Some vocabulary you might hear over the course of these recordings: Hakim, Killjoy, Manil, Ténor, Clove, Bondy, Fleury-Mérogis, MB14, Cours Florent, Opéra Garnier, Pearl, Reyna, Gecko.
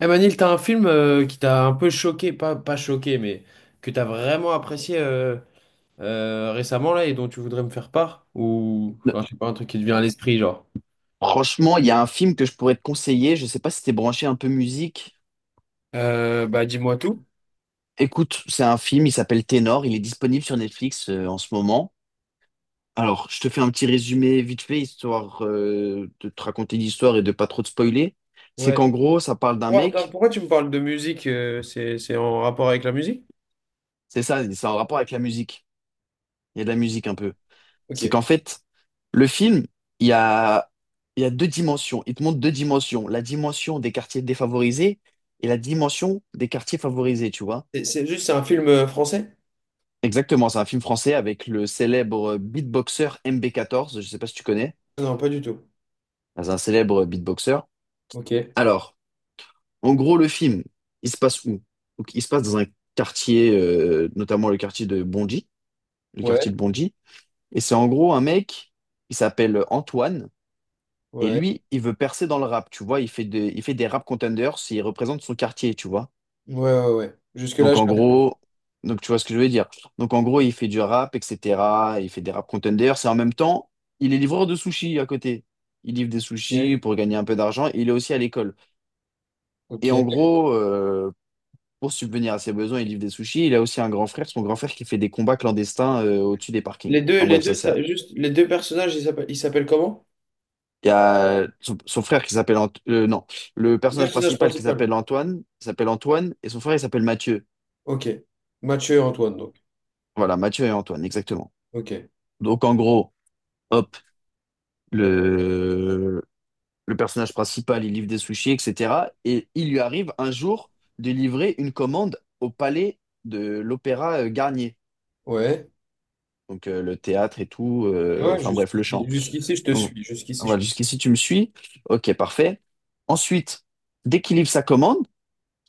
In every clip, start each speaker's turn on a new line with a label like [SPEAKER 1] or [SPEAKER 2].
[SPEAKER 1] Eh Manil, t'as un film qui t'a un peu choqué, pas choqué, mais que t'as vraiment apprécié récemment là et dont tu voudrais me faire part? Ou enfin, je sais pas, un truc qui te vient à l'esprit, genre.
[SPEAKER 2] Franchement, il y a un film que je pourrais te conseiller. Je sais pas si t'es branché un peu musique.
[SPEAKER 1] Bah dis-moi tout.
[SPEAKER 2] Écoute, c'est un film, il s'appelle Ténor. Il est disponible sur Netflix en ce moment. Alors, je te fais un petit résumé vite fait, histoire de te raconter l'histoire et de pas trop te spoiler. C'est
[SPEAKER 1] Ouais.
[SPEAKER 2] qu'en gros, ça parle d'un
[SPEAKER 1] Ouais, attends,
[SPEAKER 2] mec,
[SPEAKER 1] pourquoi tu me parles de musique? C'est en rapport avec la musique?
[SPEAKER 2] c'est ça, c'est en rapport avec la musique. Il y a de la musique un peu.
[SPEAKER 1] Ok.
[SPEAKER 2] C'est qu'en fait, le film, il y a, il y a deux dimensions. Il te montre deux dimensions. La dimension des quartiers défavorisés et la dimension des quartiers favorisés, tu vois.
[SPEAKER 1] C'est juste, c'est un film français?
[SPEAKER 2] Exactement, c'est un film français avec le célèbre beatboxer MB14, je sais pas si tu connais,
[SPEAKER 1] Non, pas du tout.
[SPEAKER 2] c'est un célèbre beatboxer.
[SPEAKER 1] Ok.
[SPEAKER 2] Alors, en gros, le film, il se passe où? Donc, il se passe dans un quartier, notamment le quartier de Bondy, le
[SPEAKER 1] Ouais,
[SPEAKER 2] quartier de Bondy. Et c'est en gros un mec, il s'appelle Antoine, et
[SPEAKER 1] ouais,
[SPEAKER 2] lui, il veut percer dans le rap, tu vois. Il fait des rap contenders, et il représente son quartier, tu vois.
[SPEAKER 1] ouais, ouais, ouais. Jusque-là,
[SPEAKER 2] Donc
[SPEAKER 1] je...
[SPEAKER 2] en gros, donc tu vois ce que je veux dire. Donc en gros, il fait du rap, etc. Il fait des rap contenders, et en même temps, il est livreur de sushis à côté. Il livre des sushis
[SPEAKER 1] Ok,
[SPEAKER 2] pour gagner un peu d'argent. Et il est aussi à l'école.
[SPEAKER 1] ok.
[SPEAKER 2] Et en gros, pour subvenir à ses besoins, il livre des sushis. Il a aussi un grand frère, son grand frère qui fait des combats clandestins au-dessus des parkings. En
[SPEAKER 1] Les
[SPEAKER 2] bref, ça
[SPEAKER 1] deux,
[SPEAKER 2] c'est.
[SPEAKER 1] ça- juste, les deux personnages, ils s'appellent comment?
[SPEAKER 2] Il y a son, son frère qui s'appelle non, le
[SPEAKER 1] Le
[SPEAKER 2] personnage
[SPEAKER 1] personnage
[SPEAKER 2] principal qui
[SPEAKER 1] principal.
[SPEAKER 2] s'appelle Antoine, il s'appelle Antoine et son frère il s'appelle Mathieu.
[SPEAKER 1] Ok. Mathieu et Antoine, donc.
[SPEAKER 2] Voilà, Mathieu et Antoine, exactement.
[SPEAKER 1] Ok.
[SPEAKER 2] Donc en gros, hop, le le personnage principal, il livre des sushis, etc. Et il lui arrive un jour de livrer une commande au palais de l'Opéra Garnier.
[SPEAKER 1] Ouais.
[SPEAKER 2] Donc le théâtre et tout,
[SPEAKER 1] Ouais,
[SPEAKER 2] enfin bref,
[SPEAKER 1] jusqu'ici,
[SPEAKER 2] le chant.
[SPEAKER 1] jusqu'ici, je te
[SPEAKER 2] Donc,
[SPEAKER 1] suis. Jusqu'ici, je...
[SPEAKER 2] voilà, jusqu'ici, tu me suis. Ok, parfait. Ensuite, dès qu'il livre sa commande,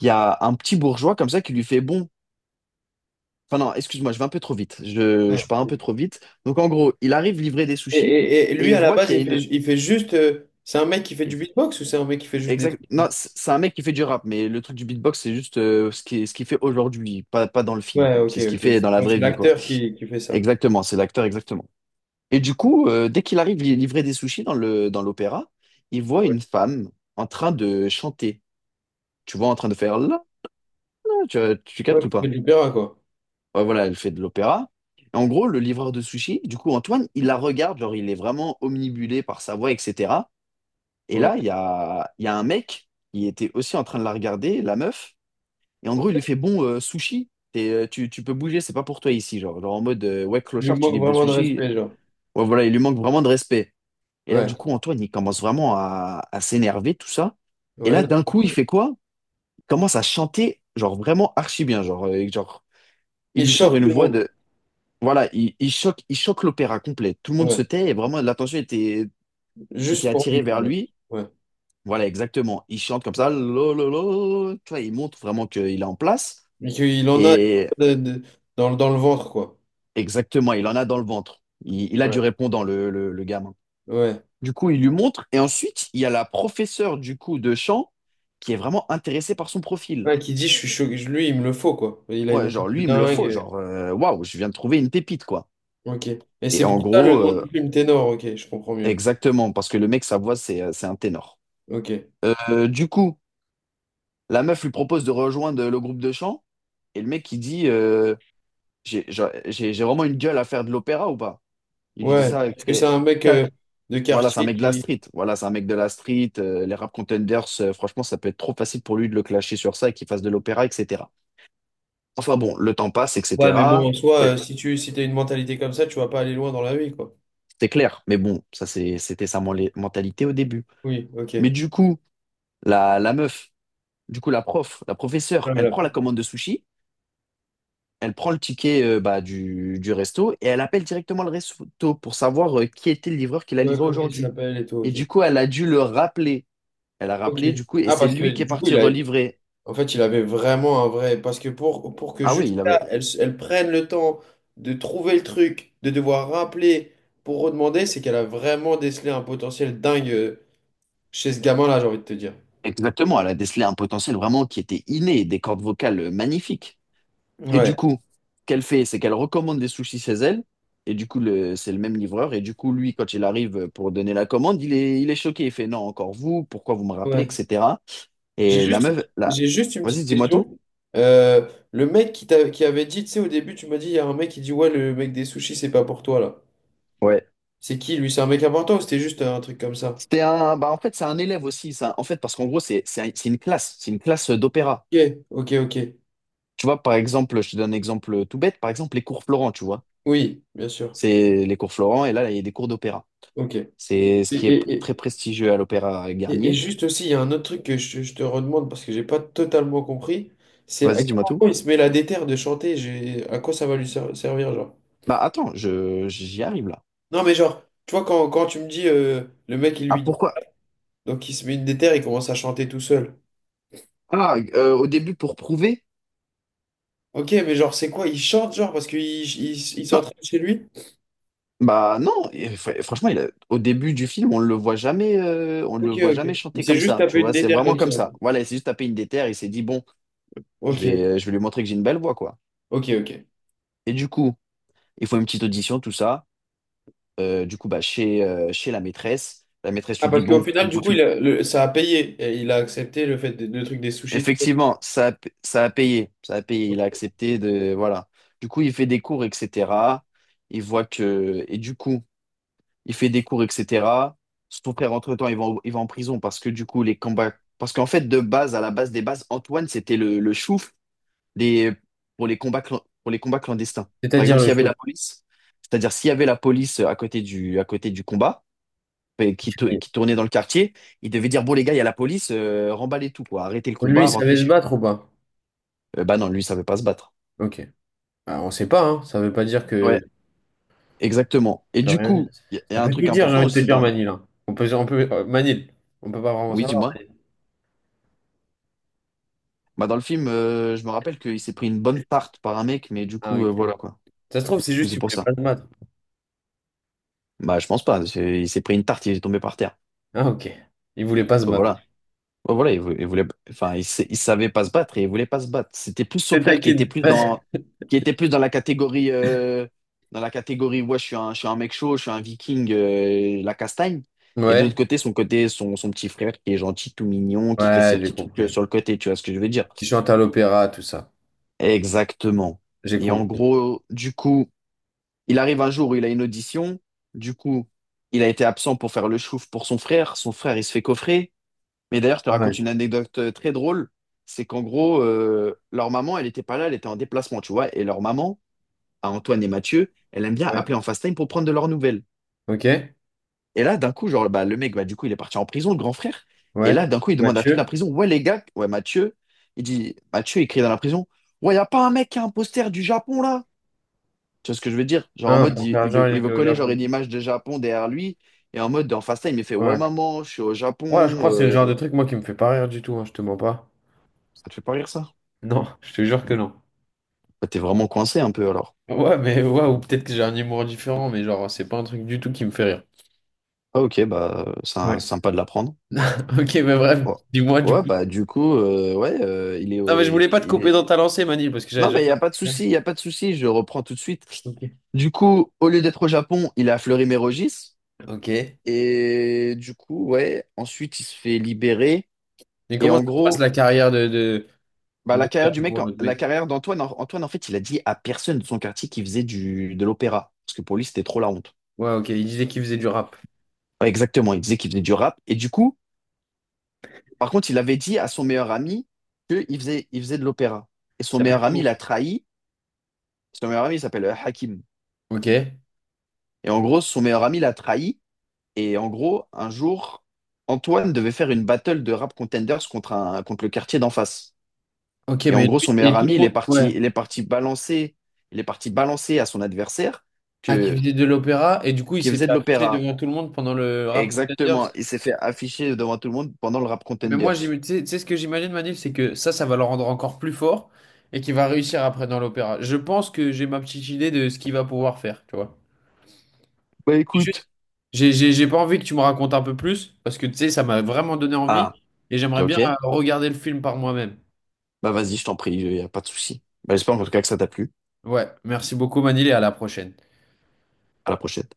[SPEAKER 2] il y a un petit bourgeois comme ça qui lui fait bon. Enfin, non, excuse-moi, je vais un peu trop vite.
[SPEAKER 1] Ouais.
[SPEAKER 2] Je pars un peu trop vite. Donc, en gros, il arrive livrer des
[SPEAKER 1] Et,
[SPEAKER 2] sushis
[SPEAKER 1] et- et
[SPEAKER 2] et
[SPEAKER 1] lui,
[SPEAKER 2] il
[SPEAKER 1] à la
[SPEAKER 2] voit
[SPEAKER 1] base,
[SPEAKER 2] qu'il y a
[SPEAKER 1] il fait,
[SPEAKER 2] une.
[SPEAKER 1] il fait juste. C'est un mec qui fait du beatbox ou c'est un mec qui fait juste des
[SPEAKER 2] Exact.
[SPEAKER 1] trucs?
[SPEAKER 2] Non, c'est un mec qui fait du rap, mais le truc du beatbox, c'est juste ce qu'il fait aujourd'hui, pas dans le film.
[SPEAKER 1] Ouais, ok,
[SPEAKER 2] C'est ce qu'il
[SPEAKER 1] ok.
[SPEAKER 2] fait dans la
[SPEAKER 1] Ouais, c'est
[SPEAKER 2] vraie vie, quoi.
[SPEAKER 1] l'acteur qui fait ça.
[SPEAKER 2] Exactement, c'est l'acteur, exactement. Et du coup, dès qu'il arrive livrer des sushis dans l'opéra, il voit
[SPEAKER 1] Ouais,
[SPEAKER 2] une femme en train de chanter. Tu vois en train de faire là, là tu, tu captes
[SPEAKER 1] ouais,
[SPEAKER 2] ou
[SPEAKER 1] qui fait
[SPEAKER 2] pas?
[SPEAKER 1] de l'opéra, quoi.
[SPEAKER 2] Ouais, voilà, elle fait de l'opéra. Et en gros, le livreur de sushi, du coup, Antoine, il la regarde, genre, il est vraiment omnibulé par sa voix, etc. Et
[SPEAKER 1] Ouais.
[SPEAKER 2] là, il y a un mec qui était aussi en train de la regarder, la meuf. Et en gros, il lui
[SPEAKER 1] Ouais.
[SPEAKER 2] fait, bon, sushi, tu peux bouger, c'est pas pour toi ici. Genre, genre en mode, ouais,
[SPEAKER 1] Il lui
[SPEAKER 2] clochard, tu
[SPEAKER 1] manque
[SPEAKER 2] livres des
[SPEAKER 1] vraiment de
[SPEAKER 2] sushis.
[SPEAKER 1] respect, genre.
[SPEAKER 2] Ouais, voilà, il lui manque vraiment de respect. Et là,
[SPEAKER 1] Ouais,
[SPEAKER 2] du coup, Antoine, il commence vraiment à s'énerver, tout ça. Et
[SPEAKER 1] ouais.
[SPEAKER 2] là,
[SPEAKER 1] Non.
[SPEAKER 2] d'un coup, il fait quoi? Il commence à chanter, genre, vraiment archi bien. Genre, genre il
[SPEAKER 1] Il
[SPEAKER 2] lui sort
[SPEAKER 1] choque
[SPEAKER 2] une
[SPEAKER 1] tout le
[SPEAKER 2] voix
[SPEAKER 1] monde.
[SPEAKER 2] de... Voilà, il choque l'opéra complet. Tout le monde se
[SPEAKER 1] Ouais.
[SPEAKER 2] tait et vraiment l'attention était, était
[SPEAKER 1] Juste pour lui.
[SPEAKER 2] attirée vers
[SPEAKER 1] Voilà.
[SPEAKER 2] lui.
[SPEAKER 1] Ouais.
[SPEAKER 2] Voilà, exactement. Il chante comme ça, lo, lo, lo. Tu vois, il montre vraiment qu'il est en place.
[SPEAKER 1] Mais qu'il en a
[SPEAKER 2] Et
[SPEAKER 1] de- dans le ventre, quoi.
[SPEAKER 2] exactement, il en a dans le ventre. Il a du
[SPEAKER 1] Ouais.
[SPEAKER 2] répondant, le gamin.
[SPEAKER 1] Ouais.
[SPEAKER 2] Du coup, il lui montre. Et ensuite, il y a la professeure du coup de chant qui est vraiment intéressée par son profil.
[SPEAKER 1] Ouais, qui dit je suis choqué, lui il me le faut quoi. Il a une
[SPEAKER 2] Ouais,
[SPEAKER 1] voix
[SPEAKER 2] genre,
[SPEAKER 1] de
[SPEAKER 2] lui, il me le faut.
[SPEAKER 1] dingue.
[SPEAKER 2] Genre, waouh, je viens de trouver une pépite, quoi.
[SPEAKER 1] Ok. Et
[SPEAKER 2] Et
[SPEAKER 1] c'est
[SPEAKER 2] en
[SPEAKER 1] pour ça le
[SPEAKER 2] gros,
[SPEAKER 1] nom du film Ténor, ok, je comprends mieux.
[SPEAKER 2] exactement, parce que le mec, sa voix, c'est un ténor.
[SPEAKER 1] Ok.
[SPEAKER 2] Du coup, la meuf lui propose de rejoindre le groupe de chant et le mec il dit j'ai vraiment une gueule à faire de l'opéra ou pas? Il lui dit
[SPEAKER 1] Ouais,
[SPEAKER 2] ça.
[SPEAKER 1] parce que c'est un mec
[SPEAKER 2] Que-
[SPEAKER 1] de
[SPEAKER 2] Voilà, c'est un
[SPEAKER 1] quartier
[SPEAKER 2] mec de la
[SPEAKER 1] qui.
[SPEAKER 2] street. Voilà, c'est un mec de la street. Les rap contenders, franchement, ça peut être trop facile pour lui de le clasher sur ça et qu'il fasse de l'opéra, etc. Enfin bon, le temps passe,
[SPEAKER 1] Ouais, mais bon,
[SPEAKER 2] etc.
[SPEAKER 1] en soi, si tu si t'as une mentalité comme ça, tu vas pas aller loin dans la vie, quoi.
[SPEAKER 2] C'était clair, mais bon, ça c'était sa mentalité au début.
[SPEAKER 1] Oui,
[SPEAKER 2] Mais
[SPEAKER 1] ok.
[SPEAKER 2] du coup, la meuf, du coup la prof, la professeure, elle
[SPEAKER 1] Voilà.
[SPEAKER 2] prend la commande de sushi. Elle prend le ticket bah, du resto et elle appelle directement le resto pour savoir qui était le livreur qui l'a
[SPEAKER 1] Ouais,
[SPEAKER 2] livré
[SPEAKER 1] comment il
[SPEAKER 2] aujourd'hui.
[SPEAKER 1] s'appelle et tout,
[SPEAKER 2] Et
[SPEAKER 1] ok.
[SPEAKER 2] du coup, elle a dû le rappeler. Elle a
[SPEAKER 1] Ok.
[SPEAKER 2] rappelé, du coup, et
[SPEAKER 1] Ah,
[SPEAKER 2] c'est
[SPEAKER 1] parce que
[SPEAKER 2] lui qui est
[SPEAKER 1] du coup,
[SPEAKER 2] parti
[SPEAKER 1] il a,
[SPEAKER 2] relivrer.
[SPEAKER 1] en fait, il avait vraiment un vrai. Parce que pour que
[SPEAKER 2] Ah oui,
[SPEAKER 1] juste
[SPEAKER 2] il
[SPEAKER 1] là,
[SPEAKER 2] avait...
[SPEAKER 1] elles, elles prennent le temps de trouver le truc, de devoir rappeler pour redemander, c'est qu'elle a vraiment décelé un potentiel dingue chez ce gamin-là, j'ai envie de te dire.
[SPEAKER 2] Exactement, elle a décelé un potentiel vraiment qui était inné, des cordes vocales magnifiques. Et du
[SPEAKER 1] Ouais,
[SPEAKER 2] coup, ce qu'elle fait, c'est qu'elle recommande des sushis chez elle. Et du coup, c'est le même livreur. Et du coup, lui, quand il arrive pour donner la commande, il est choqué. Il fait, non, encore vous, pourquoi vous me rappelez,
[SPEAKER 1] ouais.
[SPEAKER 2] etc.
[SPEAKER 1] J'ai
[SPEAKER 2] Et la
[SPEAKER 1] juste une,
[SPEAKER 2] meuf, là,
[SPEAKER 1] j'ai juste une
[SPEAKER 2] vas-y,
[SPEAKER 1] petite
[SPEAKER 2] dis-moi tout.
[SPEAKER 1] question. Le mec qui, t'a- qui avait dit, tu sais, au début, tu m'as dit, il y a un mec qui dit, ouais, le mec des sushis, c'est pas pour toi, là.
[SPEAKER 2] Ouais.
[SPEAKER 1] C'est qui, lui? C'est un mec important ou c'était juste un truc comme ça?
[SPEAKER 2] C'était un, bah en fait, c'est un élève aussi, ça. En fait, parce qu'en gros, c'est une classe d'opéra.
[SPEAKER 1] Ok, ok, ok.
[SPEAKER 2] Tu vois, par exemple, je te donne un exemple tout bête, par exemple, les cours Florent, tu vois.
[SPEAKER 1] Oui, bien sûr.
[SPEAKER 2] C'est les cours Florent, et là, il y a des cours d'opéra.
[SPEAKER 1] Ok.
[SPEAKER 2] C'est ce qui est très
[SPEAKER 1] Et,
[SPEAKER 2] prestigieux à l'opéra
[SPEAKER 1] Et
[SPEAKER 2] Garnier.
[SPEAKER 1] juste aussi, il y a un autre truc que je te redemande parce que j'ai pas totalement compris, c'est à
[SPEAKER 2] Vas-y,
[SPEAKER 1] quel
[SPEAKER 2] dis-moi tout.
[SPEAKER 1] moment il se met la déterre de chanter, j'ai, à quoi ça va lui ser- servir, genre.
[SPEAKER 2] Bah, attends, j'y arrive là.
[SPEAKER 1] Non, mais genre, tu vois, quand tu me dis, le mec, il
[SPEAKER 2] Ah,
[SPEAKER 1] lui dit,
[SPEAKER 2] pourquoi?
[SPEAKER 1] donc il se met une déterre, il commence à chanter tout seul.
[SPEAKER 2] Au début, pour prouver?
[SPEAKER 1] Ok, mais genre, c'est quoi? Il chante, genre, parce qu'il il
[SPEAKER 2] Non,
[SPEAKER 1] s'entraîne chez lui?
[SPEAKER 2] bah, non, et franchement, au début du film, on ne le voit jamais, on le
[SPEAKER 1] Ok,
[SPEAKER 2] voit
[SPEAKER 1] ok.
[SPEAKER 2] jamais
[SPEAKER 1] Il
[SPEAKER 2] chanter
[SPEAKER 1] s'est
[SPEAKER 2] comme
[SPEAKER 1] juste
[SPEAKER 2] ça, tu
[SPEAKER 1] tapé une
[SPEAKER 2] vois. C'est
[SPEAKER 1] déterre
[SPEAKER 2] vraiment
[SPEAKER 1] comme ça.
[SPEAKER 2] comme ça. Voilà, il s'est juste tapé une déterre, il s'est dit, bon.
[SPEAKER 1] Ok,
[SPEAKER 2] Je vais lui montrer que j'ai une belle voix, quoi.
[SPEAKER 1] ok, ok.
[SPEAKER 2] Et du coup, ils font une petite audition, tout ça. Du coup, bah, chez la maîtresse
[SPEAKER 1] Ah,
[SPEAKER 2] lui dit,
[SPEAKER 1] parce qu'au
[SPEAKER 2] bon, ton
[SPEAKER 1] final, du coup,
[SPEAKER 2] profil,
[SPEAKER 1] il a- le- ça a payé. Et il a accepté le fait, de- le truc des sushis, tout ça.
[SPEAKER 2] effectivement, ça a payé. Ça a payé, il a accepté de... Voilà. Du coup, il fait des cours, etc. Il voit que... Et du coup, il fait des cours, etc. Son frère, entre-temps, il va en prison parce que du coup, les combats... Parce qu'en fait, de base, à la base des bases, Antoine, c'était le chouf les, pour les combats, pour les combats clandestins. Par
[SPEAKER 1] C'est-à-dire
[SPEAKER 2] exemple,
[SPEAKER 1] le
[SPEAKER 2] s'il y avait
[SPEAKER 1] chou.
[SPEAKER 2] la police, c'est-à-dire s'il y avait la police à côté à côté du combat, qui tournait dans le quartier, il devait dire, bon les gars, il y a la police, remballez tout, quoi, arrêtez le
[SPEAKER 1] Lui,
[SPEAKER 2] combat,
[SPEAKER 1] il
[SPEAKER 2] rentrez
[SPEAKER 1] savait se
[SPEAKER 2] chez
[SPEAKER 1] battre ou pas?
[SPEAKER 2] vous. Bah non, lui, il savait pas se battre.
[SPEAKER 1] Ok. Alors, on sait pas, hein. Ça veut pas dire
[SPEAKER 2] Ouais,
[SPEAKER 1] que
[SPEAKER 2] exactement.
[SPEAKER 1] ça
[SPEAKER 2] Et
[SPEAKER 1] peut
[SPEAKER 2] du
[SPEAKER 1] rien.
[SPEAKER 2] coup, il y, a y
[SPEAKER 1] Ça
[SPEAKER 2] a un
[SPEAKER 1] peut plus
[SPEAKER 2] truc
[SPEAKER 1] dire, j'ai
[SPEAKER 2] important
[SPEAKER 1] envie de te
[SPEAKER 2] aussi
[SPEAKER 1] dire
[SPEAKER 2] dans...
[SPEAKER 1] Manil. Hein. On peut, Manil, on peut pas vraiment
[SPEAKER 2] Oui,
[SPEAKER 1] savoir.
[SPEAKER 2] dis-moi. Bah, dans le film, je me rappelle qu'il s'est pris une bonne tarte par un mec, mais du
[SPEAKER 1] Ah,
[SPEAKER 2] coup,
[SPEAKER 1] ok.
[SPEAKER 2] voilà quoi.
[SPEAKER 1] Ça se trouve, c'est
[SPEAKER 2] Oui,
[SPEAKER 1] juste
[SPEAKER 2] c'est
[SPEAKER 1] qu'il
[SPEAKER 2] pour
[SPEAKER 1] voulait
[SPEAKER 2] ça.
[SPEAKER 1] pas se battre.
[SPEAKER 2] Bah, je pense pas. Il s'est pris une tarte, il est tombé par terre.
[SPEAKER 1] Ah, ok. Il voulait pas se battre.
[SPEAKER 2] Voilà. Ouais, voilà, il voulait, enfin, il savait pas se battre et il voulait pas se battre. C'était plus son
[SPEAKER 1] C'est
[SPEAKER 2] frère qui était
[SPEAKER 1] taquine.
[SPEAKER 2] plus dans, qui était plus dans la catégorie, ouais, je suis un mec chaud, je suis un viking, la castagne. Et de
[SPEAKER 1] Ouais.
[SPEAKER 2] l'autre côté, son côté, son petit frère qui est gentil, tout mignon, qui fait
[SPEAKER 1] Ouais,
[SPEAKER 2] ses
[SPEAKER 1] j'ai
[SPEAKER 2] petits trucs
[SPEAKER 1] compris.
[SPEAKER 2] sur le côté, tu vois ce que je veux dire?
[SPEAKER 1] Il chante à l'opéra, tout ça.
[SPEAKER 2] Exactement.
[SPEAKER 1] J'ai
[SPEAKER 2] Et en
[SPEAKER 1] compris.
[SPEAKER 2] gros, du coup, il arrive un jour où il a une audition. Du coup, il a été absent pour faire le chouf pour son frère. Son frère, il se fait coffrer. Mais d'ailleurs, je te
[SPEAKER 1] Ah ouais.
[SPEAKER 2] raconte une anecdote très drôle. C'est qu'en gros, leur maman, elle n'était pas là, elle était en déplacement, tu vois. Et leur maman, à Antoine et Mathieu, elle aime bien
[SPEAKER 1] Ouais.
[SPEAKER 2] appeler en FaceTime pour prendre de leurs nouvelles.
[SPEAKER 1] Ok.
[SPEAKER 2] Et là, d'un coup, genre, bah, le mec, bah, du coup, il est parti en prison, le grand frère. Et
[SPEAKER 1] Ouais.
[SPEAKER 2] là, d'un coup, il demande à toute la
[SPEAKER 1] Mathieu.
[SPEAKER 2] prison, ouais, les gars, ouais, Mathieu, il dit, Mathieu, il crie dans la prison, ouais, y a pas un mec qui a un poster du Japon, là? Tu vois ce que je veux dire? Genre, en
[SPEAKER 1] Hein,
[SPEAKER 2] mode,
[SPEAKER 1] pour faire genre, il
[SPEAKER 2] il
[SPEAKER 1] était
[SPEAKER 2] veut
[SPEAKER 1] au
[SPEAKER 2] coller, genre,
[SPEAKER 1] Japon.
[SPEAKER 2] une image de Japon derrière lui. Et en mode, en FaceTime, il fait, ouais,
[SPEAKER 1] Ouais.
[SPEAKER 2] maman, je suis au Japon.
[SPEAKER 1] Ouais, je crois que c'est le
[SPEAKER 2] euh.
[SPEAKER 1] genre de truc, moi, qui me fait pas rire du tout, hein, je te mens pas.
[SPEAKER 2] Ça te fait pas rire, ça?
[SPEAKER 1] Non, je te jure que non.
[SPEAKER 2] Bah, t'es vraiment coincé un peu alors.
[SPEAKER 1] Ouais, mais ouais, ou peut-être que j'ai un humour différent, mais genre, c'est pas un truc du tout qui me fait rire.
[SPEAKER 2] Ah ok, bah c'est
[SPEAKER 1] Ouais.
[SPEAKER 2] sympa de l'apprendre.
[SPEAKER 1] Ok, mais bref,
[SPEAKER 2] Ouais.
[SPEAKER 1] dis-moi du coup. Non, mais je voulais pas te
[SPEAKER 2] Il
[SPEAKER 1] couper
[SPEAKER 2] est.
[SPEAKER 1] dans ta lancée, Manil, parce que j'avais
[SPEAKER 2] Non
[SPEAKER 1] déjà.
[SPEAKER 2] mais il n'y a pas de souci, il n'y a pas de souci, je reprends tout de suite.
[SPEAKER 1] Ok.
[SPEAKER 2] Du coup, au lieu d'être au Japon, il est à Fleury-Mérogis.
[SPEAKER 1] Ok.
[SPEAKER 2] Et du coup, ouais, ensuite il se fait libérer.
[SPEAKER 1] Mais
[SPEAKER 2] Et
[SPEAKER 1] comment
[SPEAKER 2] en
[SPEAKER 1] ça se passe
[SPEAKER 2] gros,
[SPEAKER 1] la carrière
[SPEAKER 2] bah, la
[SPEAKER 1] de
[SPEAKER 2] carrière du mec,
[SPEAKER 1] pour l'autre
[SPEAKER 2] la
[SPEAKER 1] mec?
[SPEAKER 2] carrière d'Antoine, Antoine, en fait, il a dit à personne de son quartier qu'il faisait de l'opéra. Parce que pour lui, c'était trop la honte.
[SPEAKER 1] Ouais, ok, il disait qu'il faisait du rap.
[SPEAKER 2] Ouais, exactement, il disait qu'il faisait du rap. Et du coup. Par contre, il avait dit à son meilleur ami qu'il faisait, il faisait de l'opéra. Et
[SPEAKER 1] Il
[SPEAKER 2] son
[SPEAKER 1] s'appelle
[SPEAKER 2] meilleur ami
[SPEAKER 1] comment?
[SPEAKER 2] l'a trahi. Son meilleur ami il s'appelle Hakim.
[SPEAKER 1] Ok.
[SPEAKER 2] Et en gros, son meilleur ami l'a trahi. Et en gros, un jour, Antoine devait faire une battle de rap contenders contre, un, contre le quartier d'en face.
[SPEAKER 1] Ok,
[SPEAKER 2] Et en
[SPEAKER 1] mais
[SPEAKER 2] gros, son
[SPEAKER 1] lui,
[SPEAKER 2] meilleur
[SPEAKER 1] et tout
[SPEAKER 2] ami,
[SPEAKER 1] le
[SPEAKER 2] il est
[SPEAKER 1] monde, ouais.
[SPEAKER 2] parti, il est parti balancer à son adversaire
[SPEAKER 1] Ah, qui
[SPEAKER 2] que,
[SPEAKER 1] faisait de l'opéra, et du coup, il
[SPEAKER 2] qu'il
[SPEAKER 1] s'est
[SPEAKER 2] faisait
[SPEAKER 1] fait
[SPEAKER 2] de
[SPEAKER 1] afficher
[SPEAKER 2] l'opéra.
[SPEAKER 1] devant tout le monde pendant le rap. Contender.
[SPEAKER 2] Exactement. Il s'est fait afficher devant tout le monde pendant le rap
[SPEAKER 1] Mais moi,
[SPEAKER 2] contenders.
[SPEAKER 1] j'im- tu sais ce que j'imagine, Manil, c'est que ça va le rendre encore plus fort et qu'il va réussir après dans l'opéra. Je pense que j'ai ma petite idée de ce qu'il va pouvoir faire, tu vois.
[SPEAKER 2] Bah
[SPEAKER 1] Juste,
[SPEAKER 2] écoute.
[SPEAKER 1] J'ai pas envie que tu me racontes un peu plus parce que, tu sais, ça m'a vraiment donné envie
[SPEAKER 2] Ah,
[SPEAKER 1] et j'aimerais bien
[SPEAKER 2] ok.
[SPEAKER 1] regarder le film par moi-même.
[SPEAKER 2] Bah vas-y, je t'en prie, il n'y a pas de souci. Bah, j'espère en tout cas que ça t'a plu.
[SPEAKER 1] Ouais, merci beaucoup, Manil, et à la prochaine.
[SPEAKER 2] À la prochaine.